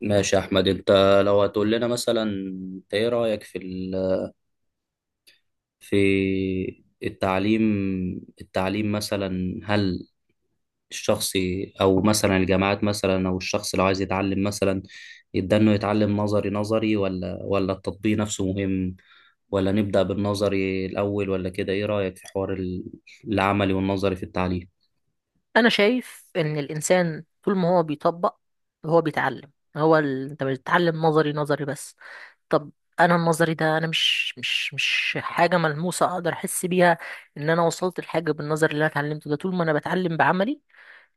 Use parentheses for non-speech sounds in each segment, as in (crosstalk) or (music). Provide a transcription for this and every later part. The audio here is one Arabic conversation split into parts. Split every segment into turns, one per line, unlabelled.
ماشي يا احمد، انت لو هتقول لنا مثلا انت ايه رايك في في التعليم مثلا، هل الشخص او مثلا الجامعات مثلا او الشخص لو عايز يتعلم مثلا يبدا انه يتعلم نظري نظري ولا التطبيق نفسه مهم، ولا نبدا بالنظري الاول ولا كده؟ ايه رايك في حوار العملي والنظري في التعليم؟
انا شايف ان الانسان طول ما هو بيطبق، هو بيتعلم. انت بتتعلم نظري نظري بس. طب، انا النظري ده مش حاجه ملموسه اقدر احس بيها ان انا وصلت لحاجه بالنظر اللي انا اتعلمته ده. طول ما انا بتعلم بعملي،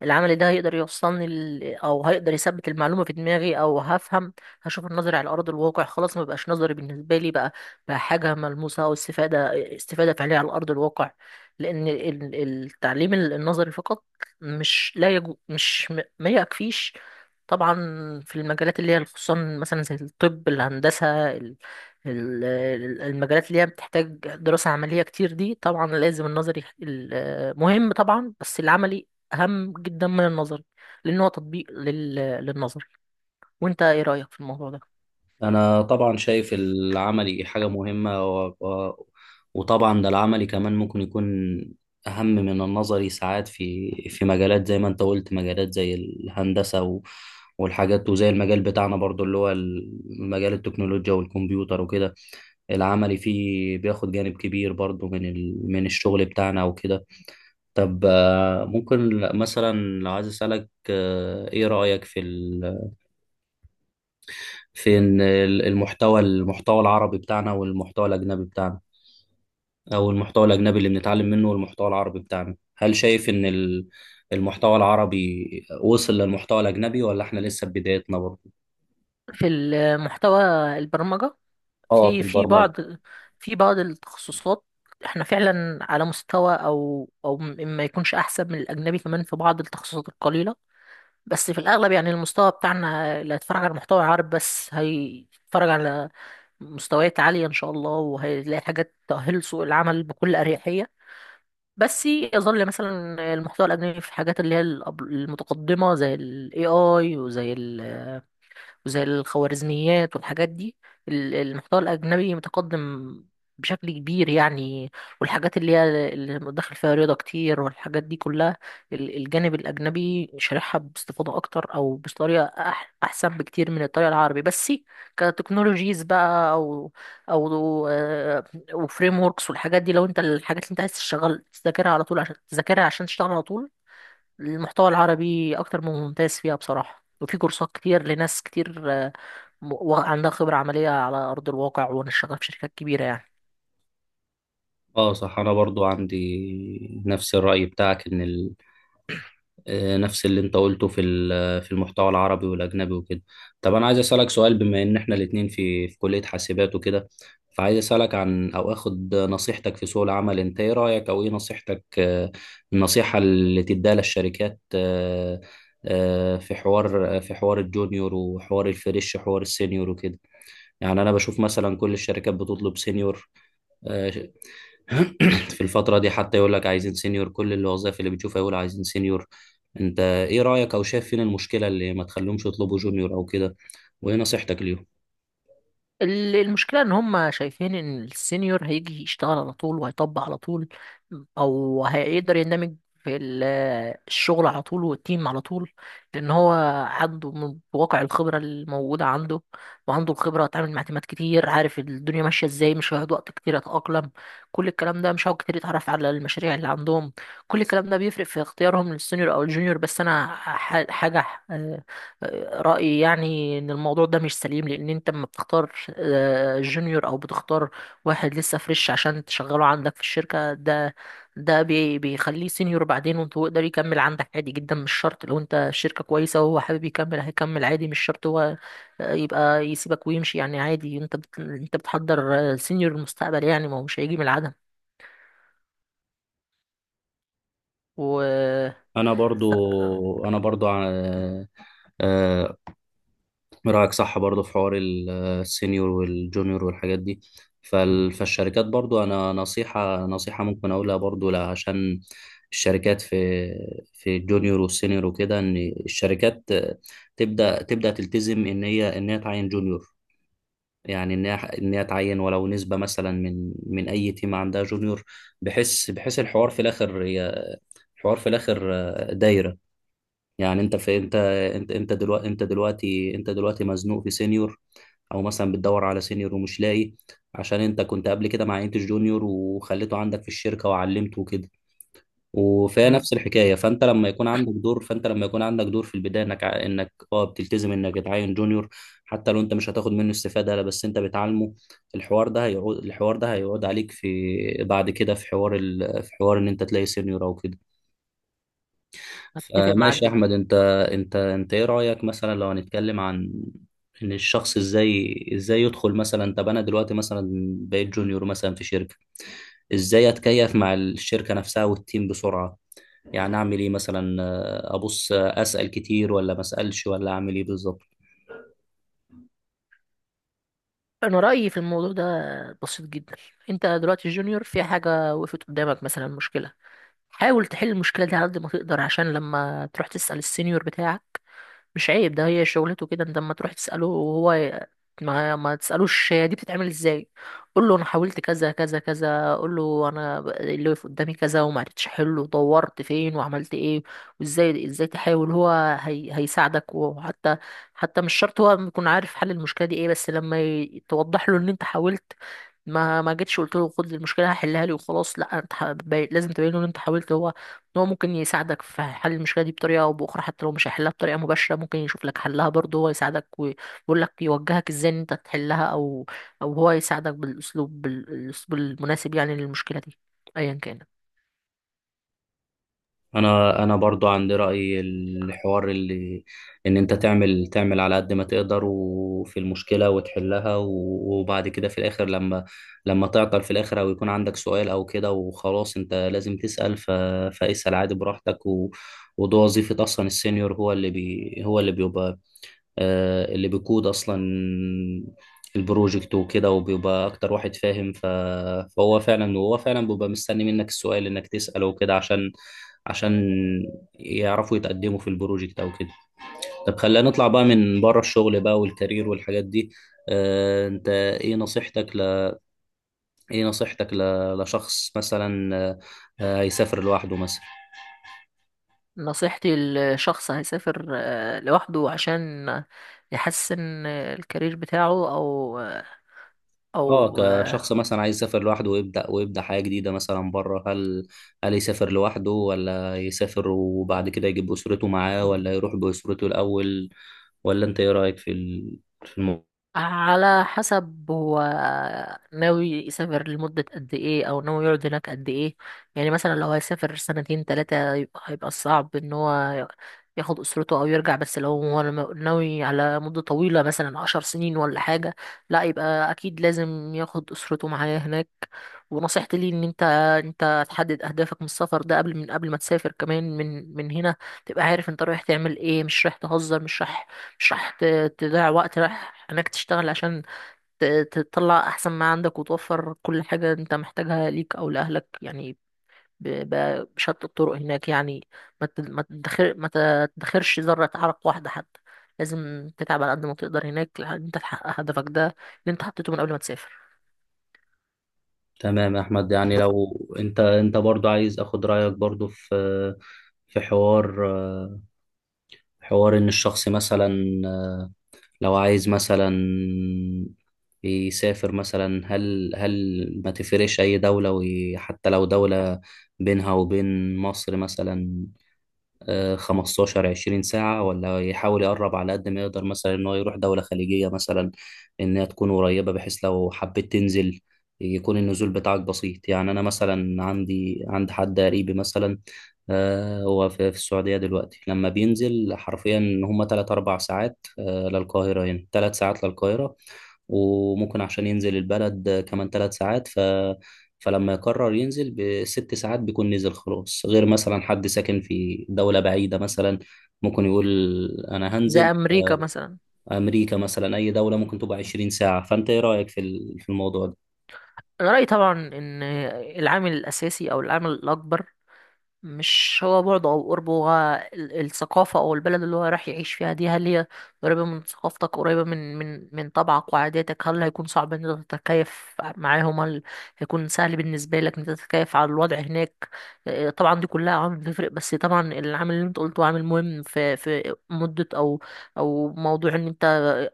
العمل ده هيقدر يوصلني ل... او هيقدر يثبت المعلومه في دماغي، او هفهم، هشوف النظري على ارض الواقع، خلاص ما بقاش نظري بالنسبه لي، بقى حاجه ملموسه، او استفاده فعليه على ارض الواقع. لان التعليم النظري فقط مش لا يجو... مش م- ما يكفيش طبعا، في المجالات اللي هي خصوصا، مثلا زي الطب، الهندسه، المجالات اللي هي بتحتاج دراسة عملية كتير دي، طبعا لازم النظري مهم طبعا، بس العملي أهم جدا من النظري، لأن هو تطبيق للنظري. وأنت إيه رأيك في الموضوع ده؟
أنا طبعا شايف العملي حاجة مهمة وطبعا ده العملي كمان ممكن يكون أهم من النظري ساعات، في مجالات زي ما أنت قلت، مجالات زي الهندسة والحاجات، وزي المجال بتاعنا برضو اللي هو مجال التكنولوجيا والكمبيوتر وكده. العملي فيه بياخد جانب كبير برضو من الشغل بتاعنا وكده. طب ممكن مثلا لو عايز أسألك إيه رأيك في في إن المحتوى العربي بتاعنا والمحتوى الأجنبي بتاعنا، أو المحتوى الأجنبي اللي بنتعلم منه والمحتوى العربي بتاعنا؟ هل شايف إن المحتوى العربي وصل للمحتوى الأجنبي، ولا إحنا لسه في بدايتنا برضه؟
في المحتوى البرمجة،
اه، في
في في
البرمجة.
بعض في بعض التخصصات، احنا فعلا على مستوى، ما يكونش احسن من الاجنبي كمان في بعض التخصصات القليله، بس في الاغلب يعني المستوى بتاعنا اللي هيتفرج على محتوى عرب بس، هيتفرج على مستويات عاليه ان شاء الله، وهيلاقي حاجات تؤهل سوق العمل بكل اريحيه. بس يظل مثلا المحتوى الأجنبي في الحاجات اللي هي المتقدمة، زي ال AI وزي الخوارزميات والحاجات دي، المحتوى الأجنبي متقدم بشكل كبير يعني، والحاجات اللي هي اللي داخل فيها رياضة كتير والحاجات دي كلها، الجانب الأجنبي شارحها باستفاضة أكتر، أو بطريقة أحسن بكتير من الطريقة العربي. بس كتكنولوجيز بقى، أو وفريم وركس والحاجات دي، لو أنت الحاجات اللي أنت عايز تشتغل تذاكرها على طول عشان تذاكرها عشان تشتغل على طول، المحتوى العربي اكتر من ممتاز فيها بصراحة، وفي كورسات كتير لناس كتير عندها خبرة عملية على أرض الواقع، ونشتغل في شركات كبيرة يعني.
اه، صح. أنا برضو عندي نفس الرأي بتاعك، إن ال آه، نفس اللي انت قلته في في المحتوى العربي والاجنبي وكده. طب انا عايز اسالك سؤال، بما ان احنا الاتنين في كليه حاسبات وكده، فعايز اسالك عن او اخد نصيحتك في سوق العمل. انت ايه رايك او ايه نصيحتك، النصيحه اللي تديها للشركات، في حوار الجونيور وحوار الفريش، حوار السينيور وكده؟ يعني انا بشوف مثلا كل الشركات بتطلب سينيور. آه، (clears throat) في الفترة دي، حتى يقول لك عايزين سينيور، كل الوظائف اللي بتشوفها يقول عايزين سينيور. انت ايه رأيك او شايف فين المشكلة اللي ما تخليهمش يطلبوا جونيور او كده؟ وايه نصيحتك ليهم؟
المشكلة إن هم شايفين إن السينيور هيجي يشتغل على طول وهيطبق على طول، أو هيقدر يندمج في الشغل على طول والتيم على طول، لأن هو عنده من واقع الخبرة الموجودة عنده، وعنده الخبرة اتعامل مع تيمات كتير، عارف الدنيا ماشية إزاي، مش هيقعد وقت كتير يتأقلم، كل الكلام ده، مش هيقعد كتير يتعرف على المشاريع اللي عندهم، كل الكلام ده بيفرق في اختيارهم للسينيور أو الجونيور. بس أنا ح- حاجة رأيي يعني إن الموضوع ده مش سليم، لأن أنت لما بتختار جونيور أو بتختار واحد لسه فريش عشان تشغله عندك في الشركة، ده ده بيخليه سينيور بعدين. وأنت هو يقدر يكمل عندك عادي جدا، مش شرط، لو أنت الشركة كويسة وهو حابب يكمل هيكمل عادي، مش شرط هو يبقى يسيبك ويمشي، يعني عادي، أنت بتحضر سينيور المستقبل يعني، ما هو مش هيجي من العدم. و
انا برضو
ف-
انا برضو آه، رأيك صح برضه في حوار السينيور والجونيور والحاجات دي. فالشركات برضه، أنا نصيحة ممكن أقولها برضه عشان الشركات في الجونيور والسينيور وكده، إن الشركات تبدأ تلتزم إن هي تعين جونيور، يعني إن هي تعين ولو نسبة مثلا من أي تيم عندها جونيور، بحيث الحوار في الآخر دايرة. يعني انت في انت انت انت دلوقتي انت دلوقتي انت دلوقتي مزنوق في سينيور، او مثلا بتدور على سينيور ومش لاقي، عشان انت كنت قبل كده مع انت جونيور وخليته عندك في الشركه وعلمته وكده، وفيها
م-
نفس الحكايه. فانت لما يكون عندك دور في البدايه انك بتلتزم انك تعين جونيور، حتى لو انت مش هتاخد منه استفاده، لا بس انت بتعلمه. الحوار ده هيعود عليك في بعد كده، في حوار في حوار ان انت تلاقي سينيور او كده.
أتفق معاك
ماشي يا
جدا.
احمد، انت ايه رايك مثلا لو هنتكلم عن ان الشخص ازاي يدخل مثلا؟ طب انا دلوقتي مثلا بقيت جونيور مثلا في شركه، ازاي اتكيف مع الشركه نفسها والتيم بسرعه؟ يعني اعمل ايه مثلا، ابص، اسال كتير ولا ما اسالش ولا اعمل ايه بالظبط؟
انا رايي في الموضوع ده بسيط جدا، انت دلوقتي جونيور، في حاجه وقفت قدامك مثلا، مشكله، حاول تحل المشكله دي على قد ما تقدر، عشان لما تروح تسال السينيور بتاعك مش عيب، ده هي شغلته كده. انت لما تروح تسأله ما تسألوش هي دي بتتعمل ازاي، قول له انا حاولت كذا كذا كذا، قول له اللي واقف قدامي كذا وما عرفتش احله، دورت فين وعملت ايه وازاي تحاول. هو هيساعدك، وحتى مش شرط هو يكون عارف حل المشكلة دي ايه، بس لما توضح له ان انت حاولت، ما جيتش قلت له خد المشكلة هحلها لي وخلاص، لا انت لازم تبين له ان انت حاولت، هو ان هو ممكن يساعدك في حل المشكله دي بطريقه او باخرى، حتى لو مش هيحلها بطريقه مباشره، ممكن يشوف لك حلها برضه، هو يساعدك ويقول لك، يوجهك ازاي ان انت تحلها، او هو يساعدك بالاسلوب المناسب يعني للمشكله دي ايا كانت.
انا برضو عندي رأي، الحوار اللي ان انت تعمل على قد ما تقدر وفي المشكلة وتحلها، وبعد كده في الاخر، لما تعطل في الاخر او يكون عندك سؤال او كده، وخلاص انت لازم تسأل. فاسأل عادي براحتك. وده وظيفة اصلا السينيور، هو اللي هو اللي بيبقى اللي بيقود اصلا البروجكت وكده، وبيبقى اكتر واحد فاهم. فهو فعلا وهو فعلا بيبقى مستني منك السؤال انك تسأله وكده، عشان عشان يعرفوا يتقدموا في البروجكت او كده. طب خلينا نطلع بقى من بره الشغل بقى، والكارير والحاجات دي. انت ايه نصيحتك ل... ايه نصيحتك لشخص مثلا، هيسافر لوحده مثلا؟
نصيحتي لشخص هيسافر لوحده عشان يحسن الكارير بتاعه، او آه،
اه،
او
كشخص مثلا عايز يسافر لوحده ويبدأ حياة جديدة مثلا بره، هل يسافر لوحده، ولا يسافر وبعد كده يجيب أسرته معاه، ولا يروح بأسرته الأول، ولا انت ايه رأيك في
على حسب هو ناوي يسافر لمدة قد ايه، او ناوي يقعد هناك قد ايه. يعني مثلا لو هيسافر سنتين تلاتة، يبقى هيبقى صعب ان هو ياخد اسرته او يرجع. بس لو هو ناوي على مدة طويلة، مثلا عشر سنين ولا حاجة، لا يبقى اكيد لازم ياخد اسرته معاه هناك. ونصيحتي ليه ان انت، انت تحدد اهدافك من السفر ده، من قبل ما تسافر كمان، من هنا تبقى عارف انت رايح تعمل ايه، مش رايح تهزر، مش رايح، مش راح ت- تضيع وقت، رايح انك تشتغل عشان تطلع احسن ما عندك، وتوفر كل حاجة انت محتاجها ليك او لاهلك يعني، ب- بشتى الطرق هناك يعني. ما تدخرش ذرة عرق واحدة حتى، لازم تتعب على قد ما تقدر هناك لحد انت تحقق هدفك ده اللي انت حطيته من قبل ما تسافر.
تمام يا احمد، يعني لو انت برضو عايز اخد رأيك برضو في حوار ان الشخص مثلا لو عايز مثلا يسافر مثلا، هل ما تفرقش أي دولة، وحتى لو دولة بينها وبين مصر مثلا 15 20 ساعة، ولا يحاول يقرب على قد ما يقدر مثلا إن هو يروح دولة خليجية مثلا إنها تكون قريبة، بحيث لو حبيت تنزل يكون النزول بتاعك بسيط؟ يعني أنا مثلا عند حد قريبي مثلا، هو في السعودية دلوقتي. لما بينزل حرفيا، هما تلات أربع ساعات للقاهرة، هنا تلات ساعات للقاهرة، وممكن عشان ينزل البلد كمان تلات ساعات. فلما يقرر ينزل بست ساعات بيكون نزل خلاص. غير مثلا حد ساكن في دولة بعيدة مثلا، ممكن يقول أنا
زي
هنزل
امريكا مثلا.
أمريكا مثلا، أي دولة ممكن تبقى 20 ساعة. فأنت إيه رأيك في في الموضوع ده؟
انا رايي طبعا ان العامل الاساسي او العامل الاكبر مش هو بعده او قربه، هو الثقافه او البلد اللي هو راح يعيش فيها دي، هل هي قريبه من ثقافتك، قريبه من طبعك وعاداتك، هل هيكون صعب ان انت تتكيف معاهم، هل هيكون سهل بالنسبه لك ان انت تتكيف على الوضع هناك. طبعا دي كلها عوامل بتفرق، بس طبعا العامل اللي انت قلته عامل مهم، في مده او موضوع ان انت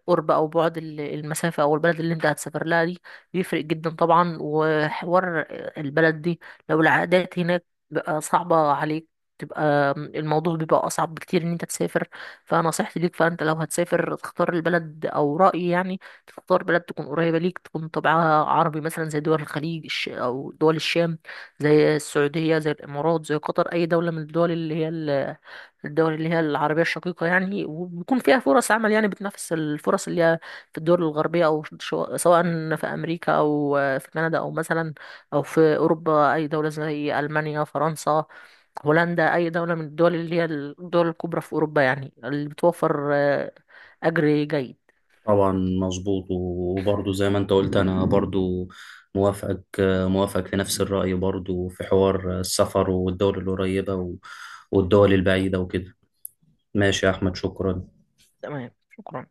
قرب او بعد المسافه او البلد اللي انت هتسافر لها دي، بيفرق جدا طبعا. وحوار البلد دي، لو العادات هناك بقى صعبة عليك، تبقى الموضوع بيبقى أصعب بكتير إن أنت تسافر. فنصيحتي ليك، فأنت لو هتسافر تختار البلد أو رأيي يعني، تختار بلد تكون قريبة ليك، تكون طبعها عربي، مثلا زي دول الخليج أو دول الشام، زي السعودية، زي الإمارات، زي قطر، أي دولة من الدول اللي هي العربية الشقيقة يعني، وبيكون فيها فرص عمل يعني بتنافس الفرص اللي هي في الدول الغربية، أو سواء في أمريكا أو في كندا، أو مثلا أو في أوروبا، أي دولة زي ألمانيا، فرنسا، هولندا، أي دولة من الدول اللي هي الدول الكبرى في أوروبا يعني، اللي بتوفر أجر جيد.
طبعا مظبوط، وبرضه زي ما انت قلت انا برضه موافقك موافقك في نفس الرأي برضه، في حوار السفر والدول القريبة والدول البعيدة وكده. ماشي يا أحمد، شكرا.
تمام. شكرا.